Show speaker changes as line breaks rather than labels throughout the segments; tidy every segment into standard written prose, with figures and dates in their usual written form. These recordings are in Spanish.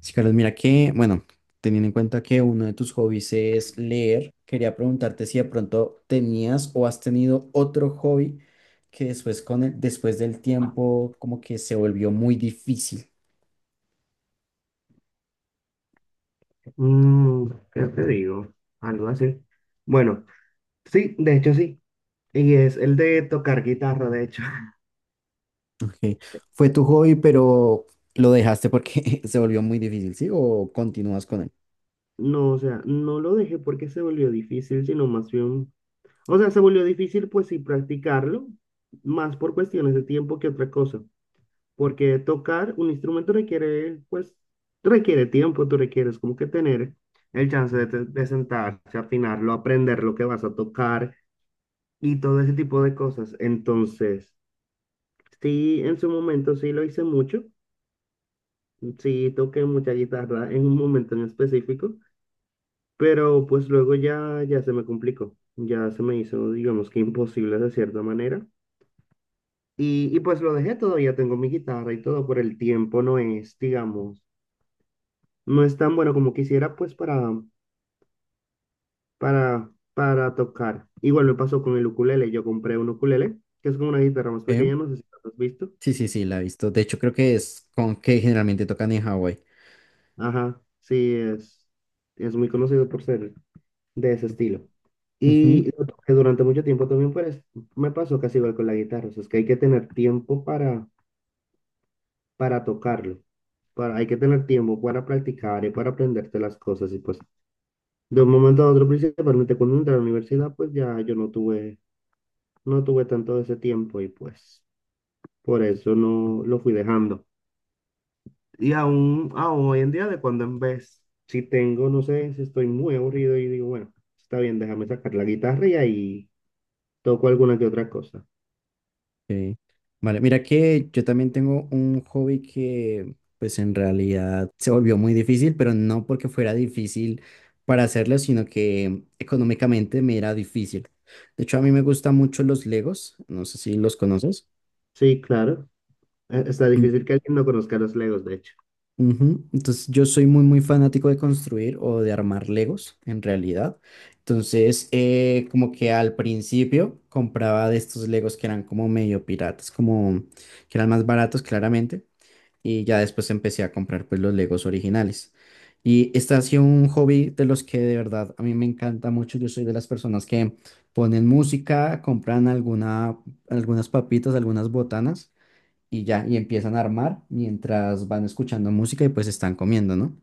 Sí, Carlos, mira que, bueno, teniendo en cuenta que uno de tus hobbies es leer, quería preguntarte si de pronto tenías o has tenido otro hobby que después después del tiempo como que se volvió muy difícil.
Mm, ¿qué te digo? Algo así. Bueno, sí, de hecho sí. Y es el de tocar guitarra, de hecho.
Ok. Fue tu hobby, pero lo dejaste porque se volvió muy difícil, ¿sí? ¿O continúas con él?
No, o sea, no lo dejé porque se volvió difícil, sino más bien, o sea, se volvió difícil pues sí practicarlo, más por cuestiones de tiempo que otra cosa, porque tocar un instrumento requiere, pues, requiere tiempo, tú requieres como que tener el chance de, de sentarse, afinarlo, aprender lo que vas a tocar y todo ese tipo de cosas. Entonces, sí, en su momento sí lo hice mucho, sí toqué mucha guitarra en un momento en específico, pero pues luego ya se me complicó, ya se me hizo, digamos que imposible de cierta manera. Y pues lo dejé todo, ya tengo mi guitarra y todo, por el tiempo no es, digamos, no es tan bueno como quisiera pues para, para tocar. Igual me pasó con el ukulele, yo compré un ukulele, que es como una guitarra más
Ok.
pequeña, no sé si lo has visto.
Sí, sí, sí, la he visto. De hecho, creo que es con que generalmente tocan en Hawái.
Ajá, sí, es muy conocido por ser de ese estilo. Y lo toqué durante mucho tiempo también, pero me pasó casi igual con la guitarra. O sea, es que hay que tener tiempo para tocarlo. Para, hay que tener tiempo para practicar y para aprenderte las cosas. Y pues, de un momento a otro, principalmente cuando entré a la universidad, pues ya yo no tuve tanto de ese tiempo y pues por eso no lo fui dejando. Y aún hoy en día, de cuando en vez, si tengo, no sé, si estoy muy aburrido y digo, bueno, está bien, déjame sacar la guitarra y ahí toco alguna que otra cosa.
Ok. Vale, mira que yo también tengo un hobby que pues en realidad se volvió muy difícil, pero no porque fuera difícil para hacerlo, sino que económicamente me era difícil. De hecho, a mí me gustan mucho los Legos, no sé si los conoces.
Sí, claro. Está
Mm,
difícil que alguien no conozca los Legos, de hecho.
ujú. Entonces yo soy muy muy fanático de construir o de armar Legos en realidad. Entonces como que al principio compraba de estos Legos que eran como medio piratas, como que eran más baratos claramente. Y ya después empecé a comprar pues los Legos originales. Y este ha sido un hobby de los que de verdad a mí me encanta mucho. Yo soy de las personas que ponen música, compran alguna, algunas papitas, algunas botanas y ya, y empiezan a armar mientras van escuchando música y pues están comiendo, ¿no?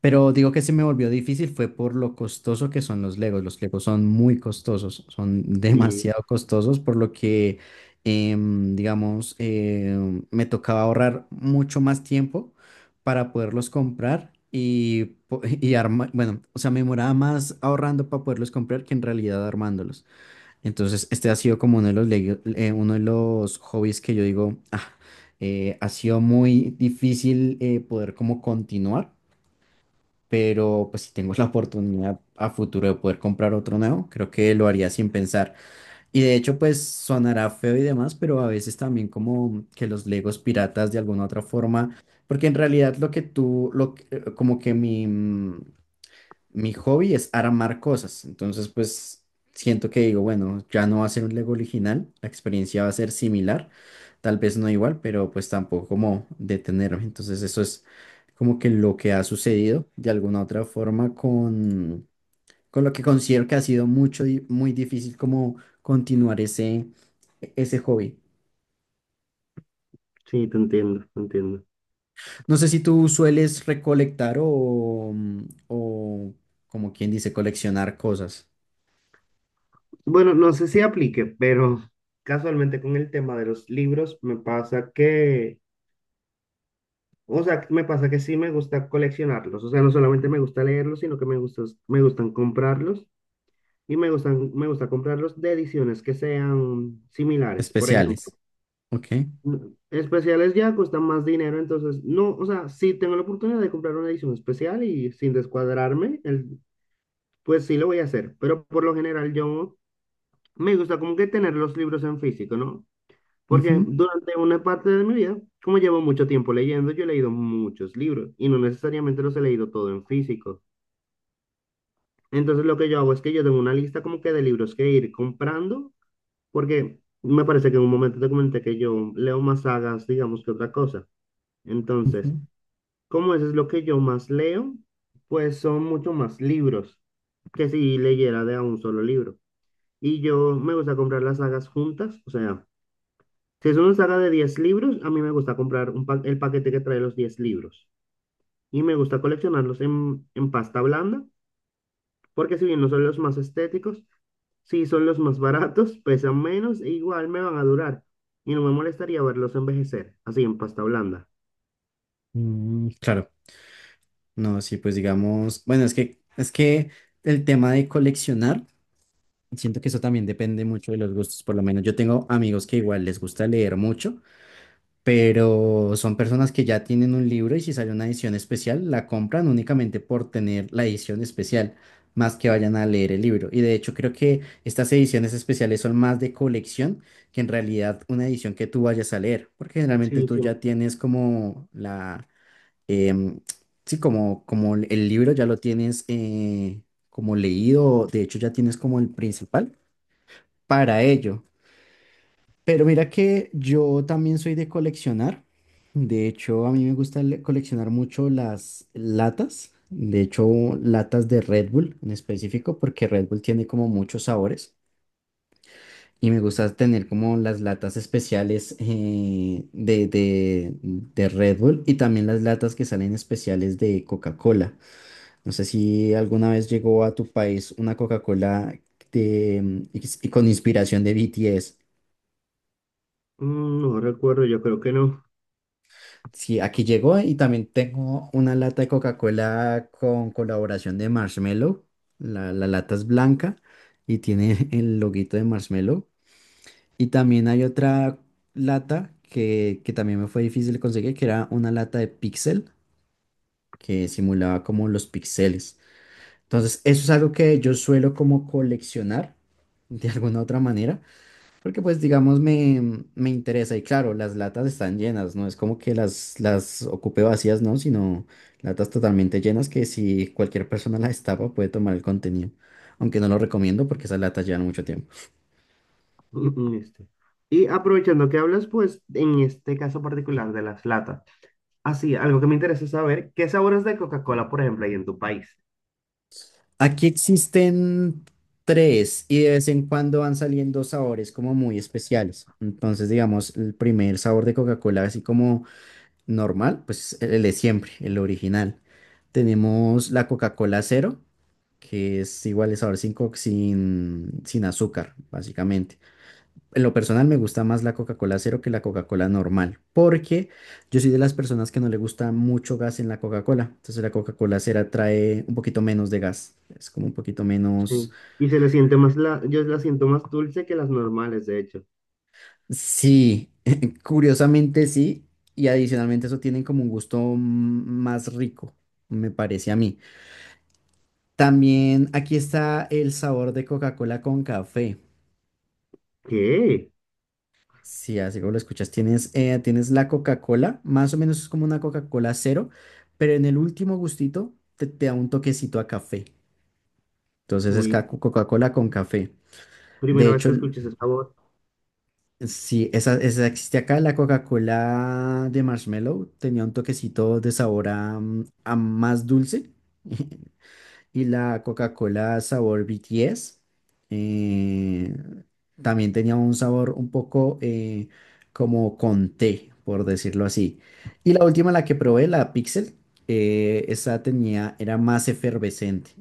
Pero digo que se me volvió difícil fue por lo costoso que son los Legos. Los Legos son muy costosos, son
Y
demasiado costosos, por lo que, digamos, me tocaba ahorrar mucho más tiempo para poderlos comprar y, y armar, bueno, o sea, me demoraba más ahorrando para poderlos comprar que en realidad armándolos. Entonces, este ha sido como uno de los, uno de los hobbies que yo digo, "Ah, ha sido muy difícil poder como continuar, pero pues si tengo la oportunidad a futuro de poder comprar otro nuevo, creo que lo haría sin pensar. Y de hecho, pues sonará feo y demás, pero a veces también como que los Legos piratas de alguna otra forma, porque en realidad lo que tú, como que mi hobby es armar cosas. Entonces, pues siento que digo, bueno, ya no va a ser un Lego original, la experiencia va a ser similar, tal vez no igual, pero pues tampoco como detenerme. Entonces, eso es como que lo que ha sucedido de alguna otra forma con lo que considero que ha sido mucho, muy difícil como continuar ese, ese hobby.
sí, te entiendo, te entiendo.
No sé si tú sueles recolectar o como quien dice, coleccionar cosas
Bueno, no sé si aplique, pero casualmente con el tema de los libros me pasa que, o sea, me pasa que sí me gusta coleccionarlos. O sea, no solamente me gusta leerlos, sino que me gustan comprarlos y me gusta comprarlos de ediciones que sean similares. Por ejemplo,
especiales. Ok.
especiales ya cuestan más dinero, entonces no, o sea, sí tengo la oportunidad de comprar una edición especial y sin descuadrarme, el, pues sí, lo voy a hacer, pero por lo general yo me gusta como que tener los libros en físico, ¿no? Porque
Ujú,
durante una parte de mi vida, como llevo mucho tiempo leyendo, yo he leído muchos libros y no necesariamente los he leído todo en físico. Entonces lo que yo hago es que yo tengo una lista como que de libros que ir comprando, porque me parece que en un momento te comenté que yo leo más sagas, digamos, que otra cosa. Entonces,
ujú.
como eso es lo que yo más leo, pues son mucho más libros que si leyera de a un solo libro. Y yo me gusta comprar las sagas juntas. O sea, si es una saga de 10 libros, a mí me gusta comprar el paquete que trae los 10 libros. Y me gusta coleccionarlos en pasta blanda, porque si bien no son los más estéticos, sí son los más baratos, pesan menos e igual me van a durar. Y no me molestaría verlos envejecer, así en pasta blanda.
Mm, claro, no, sí, pues digamos, bueno, es que el tema de coleccionar, siento que eso también depende mucho de los gustos, por lo menos yo tengo amigos que igual les gusta leer mucho, pero son personas que ya tienen un libro y si sale una edición especial, la compran únicamente por tener la edición especial, más que vayan a leer el libro. Y de hecho creo que estas ediciones especiales son más de colección que en realidad una edición que tú vayas a leer, porque generalmente
Sí,
tú
sí.
ya tienes como la em, sí, como, como el libro ya lo tienes como leído, de hecho ya tienes como el principal para ello. Pero mira que yo también soy de coleccionar. De hecho, a mí me gusta coleccionar mucho las latas. De hecho, latas de Red Bull en específico, porque Red Bull tiene como muchos sabores. Y me gusta tener como las latas especiales de Red Bull y también las latas que salen especiales de Coca-Cola. No sé si alguna vez llegó a tu país una Coca-Cola de, mm, y con inspiración de BTS.
Mm, no recuerdo, yo creo que no.
Sí, aquí llegó y también tengo una lata de Coca-Cola con colaboración de Marshmello. La lata es blanca y tiene el loguito de Marshmello. Y también hay otra lata que también me fue difícil conseguir, que era una lata de Pixel que simulaba como los píxeles. Entonces, eso es algo que yo suelo como coleccionar de alguna otra manera. Porque pues digamos me, me interesa y claro, las latas están llenas, no es como que las ocupe vacías, no, sino latas totalmente llenas que si cualquier persona las tapa puede tomar el contenido, aunque no lo recomiendo porque esas latas llevan mucho tiempo.
Este. Y aprovechando que hablas, pues en este caso particular de las latas. Así, algo que me interesa saber, ¿qué sabores de Coca-Cola, por ejemplo, hay en tu país?
Aquí existen tres y de vez en cuando van saliendo sabores como muy especiales. Entonces digamos el primer sabor de Coca-Cola así como normal, pues el de siempre, el original. Tenemos la Coca-Cola cero que es igual de sabor sin, sin azúcar, básicamente. En lo personal me gusta más la Coca-Cola cero que la Coca-Cola normal, porque yo soy de las personas que no le gusta mucho gas en la Coca-Cola. Entonces la Coca-Cola cero trae un poquito menos de gas. Es como un poquito menos...
Sí. Y se le siente más yo la siento más dulce que las normales, de hecho.
Sí, curiosamente sí. Y adicionalmente eso tiene como un gusto mm, más rico, me parece a mí. También aquí está el sabor de Coca-Cola con café.
¿Qué?
Sí, así como lo escuchas, tienes, tienes la Coca-Cola, más o menos es como una Coca-Cola cero, pero en el último gustito te, te da un toquecito a café. Entonces es
Uy,
Coca-Cola con café. De
primera vez
hecho,
que
el-
escuché ese sabor.
sí, esa, esa existe acá, la Coca-Cola de marshmallow tenía un toquecito de sabor a, mm, a más dulce. Y la Coca-Cola sabor BTS eh, también tenía un sabor un poco como con té, por decirlo así. Y la última, la que probé, la Pixel, esa tenía, era más efervescente.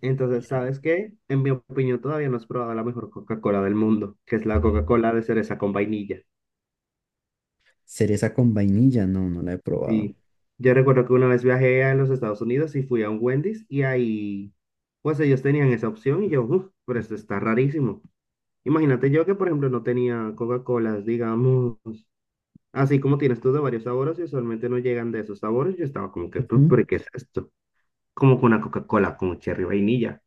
Entonces, ¿sabes qué? En mi opinión, todavía no has probado la mejor Coca-Cola del mundo, que es la Coca-Cola de cereza con vainilla.
Cereza con vainilla, no, no la he probado.
Y yo recuerdo que una vez viajé a los Estados Unidos y fui a un Wendy's y ahí, pues ellos tenían esa opción y yo, uff, pero esto está rarísimo. Imagínate yo que, por ejemplo, no tenía Coca-Colas, digamos. Así como tienes tú de varios sabores y usualmente no llegan de esos sabores, yo estaba como que,
Ujú,
¿Pero qué es esto? Como con una Coca-Cola con cherry vainilla.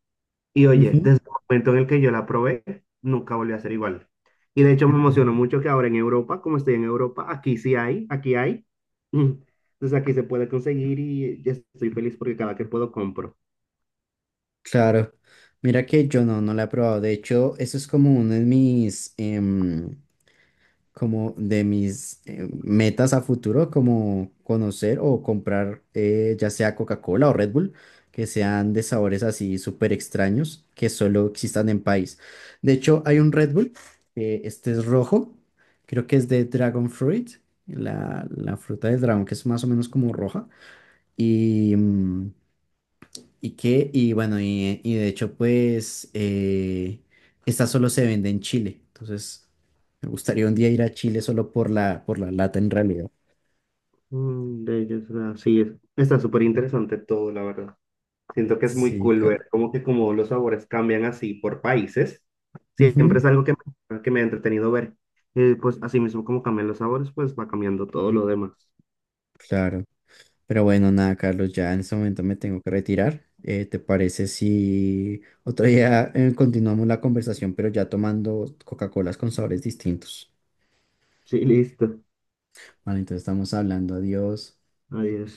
Y oye,
ujú.
desde el momento en el que yo la probé, nunca volvió a ser igual. Y de hecho me emocionó mucho que ahora en Europa, como estoy en Europa, aquí sí hay, aquí hay. Mm. Entonces aquí se puede conseguir y ya estoy feliz porque cada que puedo compro.
Claro, mira que yo no, no la he probado. De hecho, eso es como uno de mis, como de mis metas a futuro, como conocer o comprar ya sea Coca-Cola o Red Bull, que sean de sabores así súper extraños, que solo existan en país. De hecho, hay un Red Bull, que este es rojo, creo que es de Dragon Fruit, la fruta del dragón, que es más o menos como roja, y... mm, y que, y bueno, y de hecho, pues, esta solo se vende en Chile. Entonces, me gustaría un día ir a Chile solo por la lata en realidad.
Mm, de ellos, ah, sí, está súper interesante todo, la verdad. Siento que es muy
Sí,
cool
claro.
ver como que como los sabores cambian así por países. Siempre
Ujú,
es algo que me ha entretenido ver. Y pues así mismo como cambian los sabores, pues va cambiando todo lo demás.
claro. Pero bueno, nada, Carlos, ya en este momento me tengo que retirar. ¿Te parece si otro día continuamos la conversación, pero ya tomando Coca-Colas con sabores distintos?
Sí, listo.
Vale, entonces estamos hablando. Adiós.
Adiós.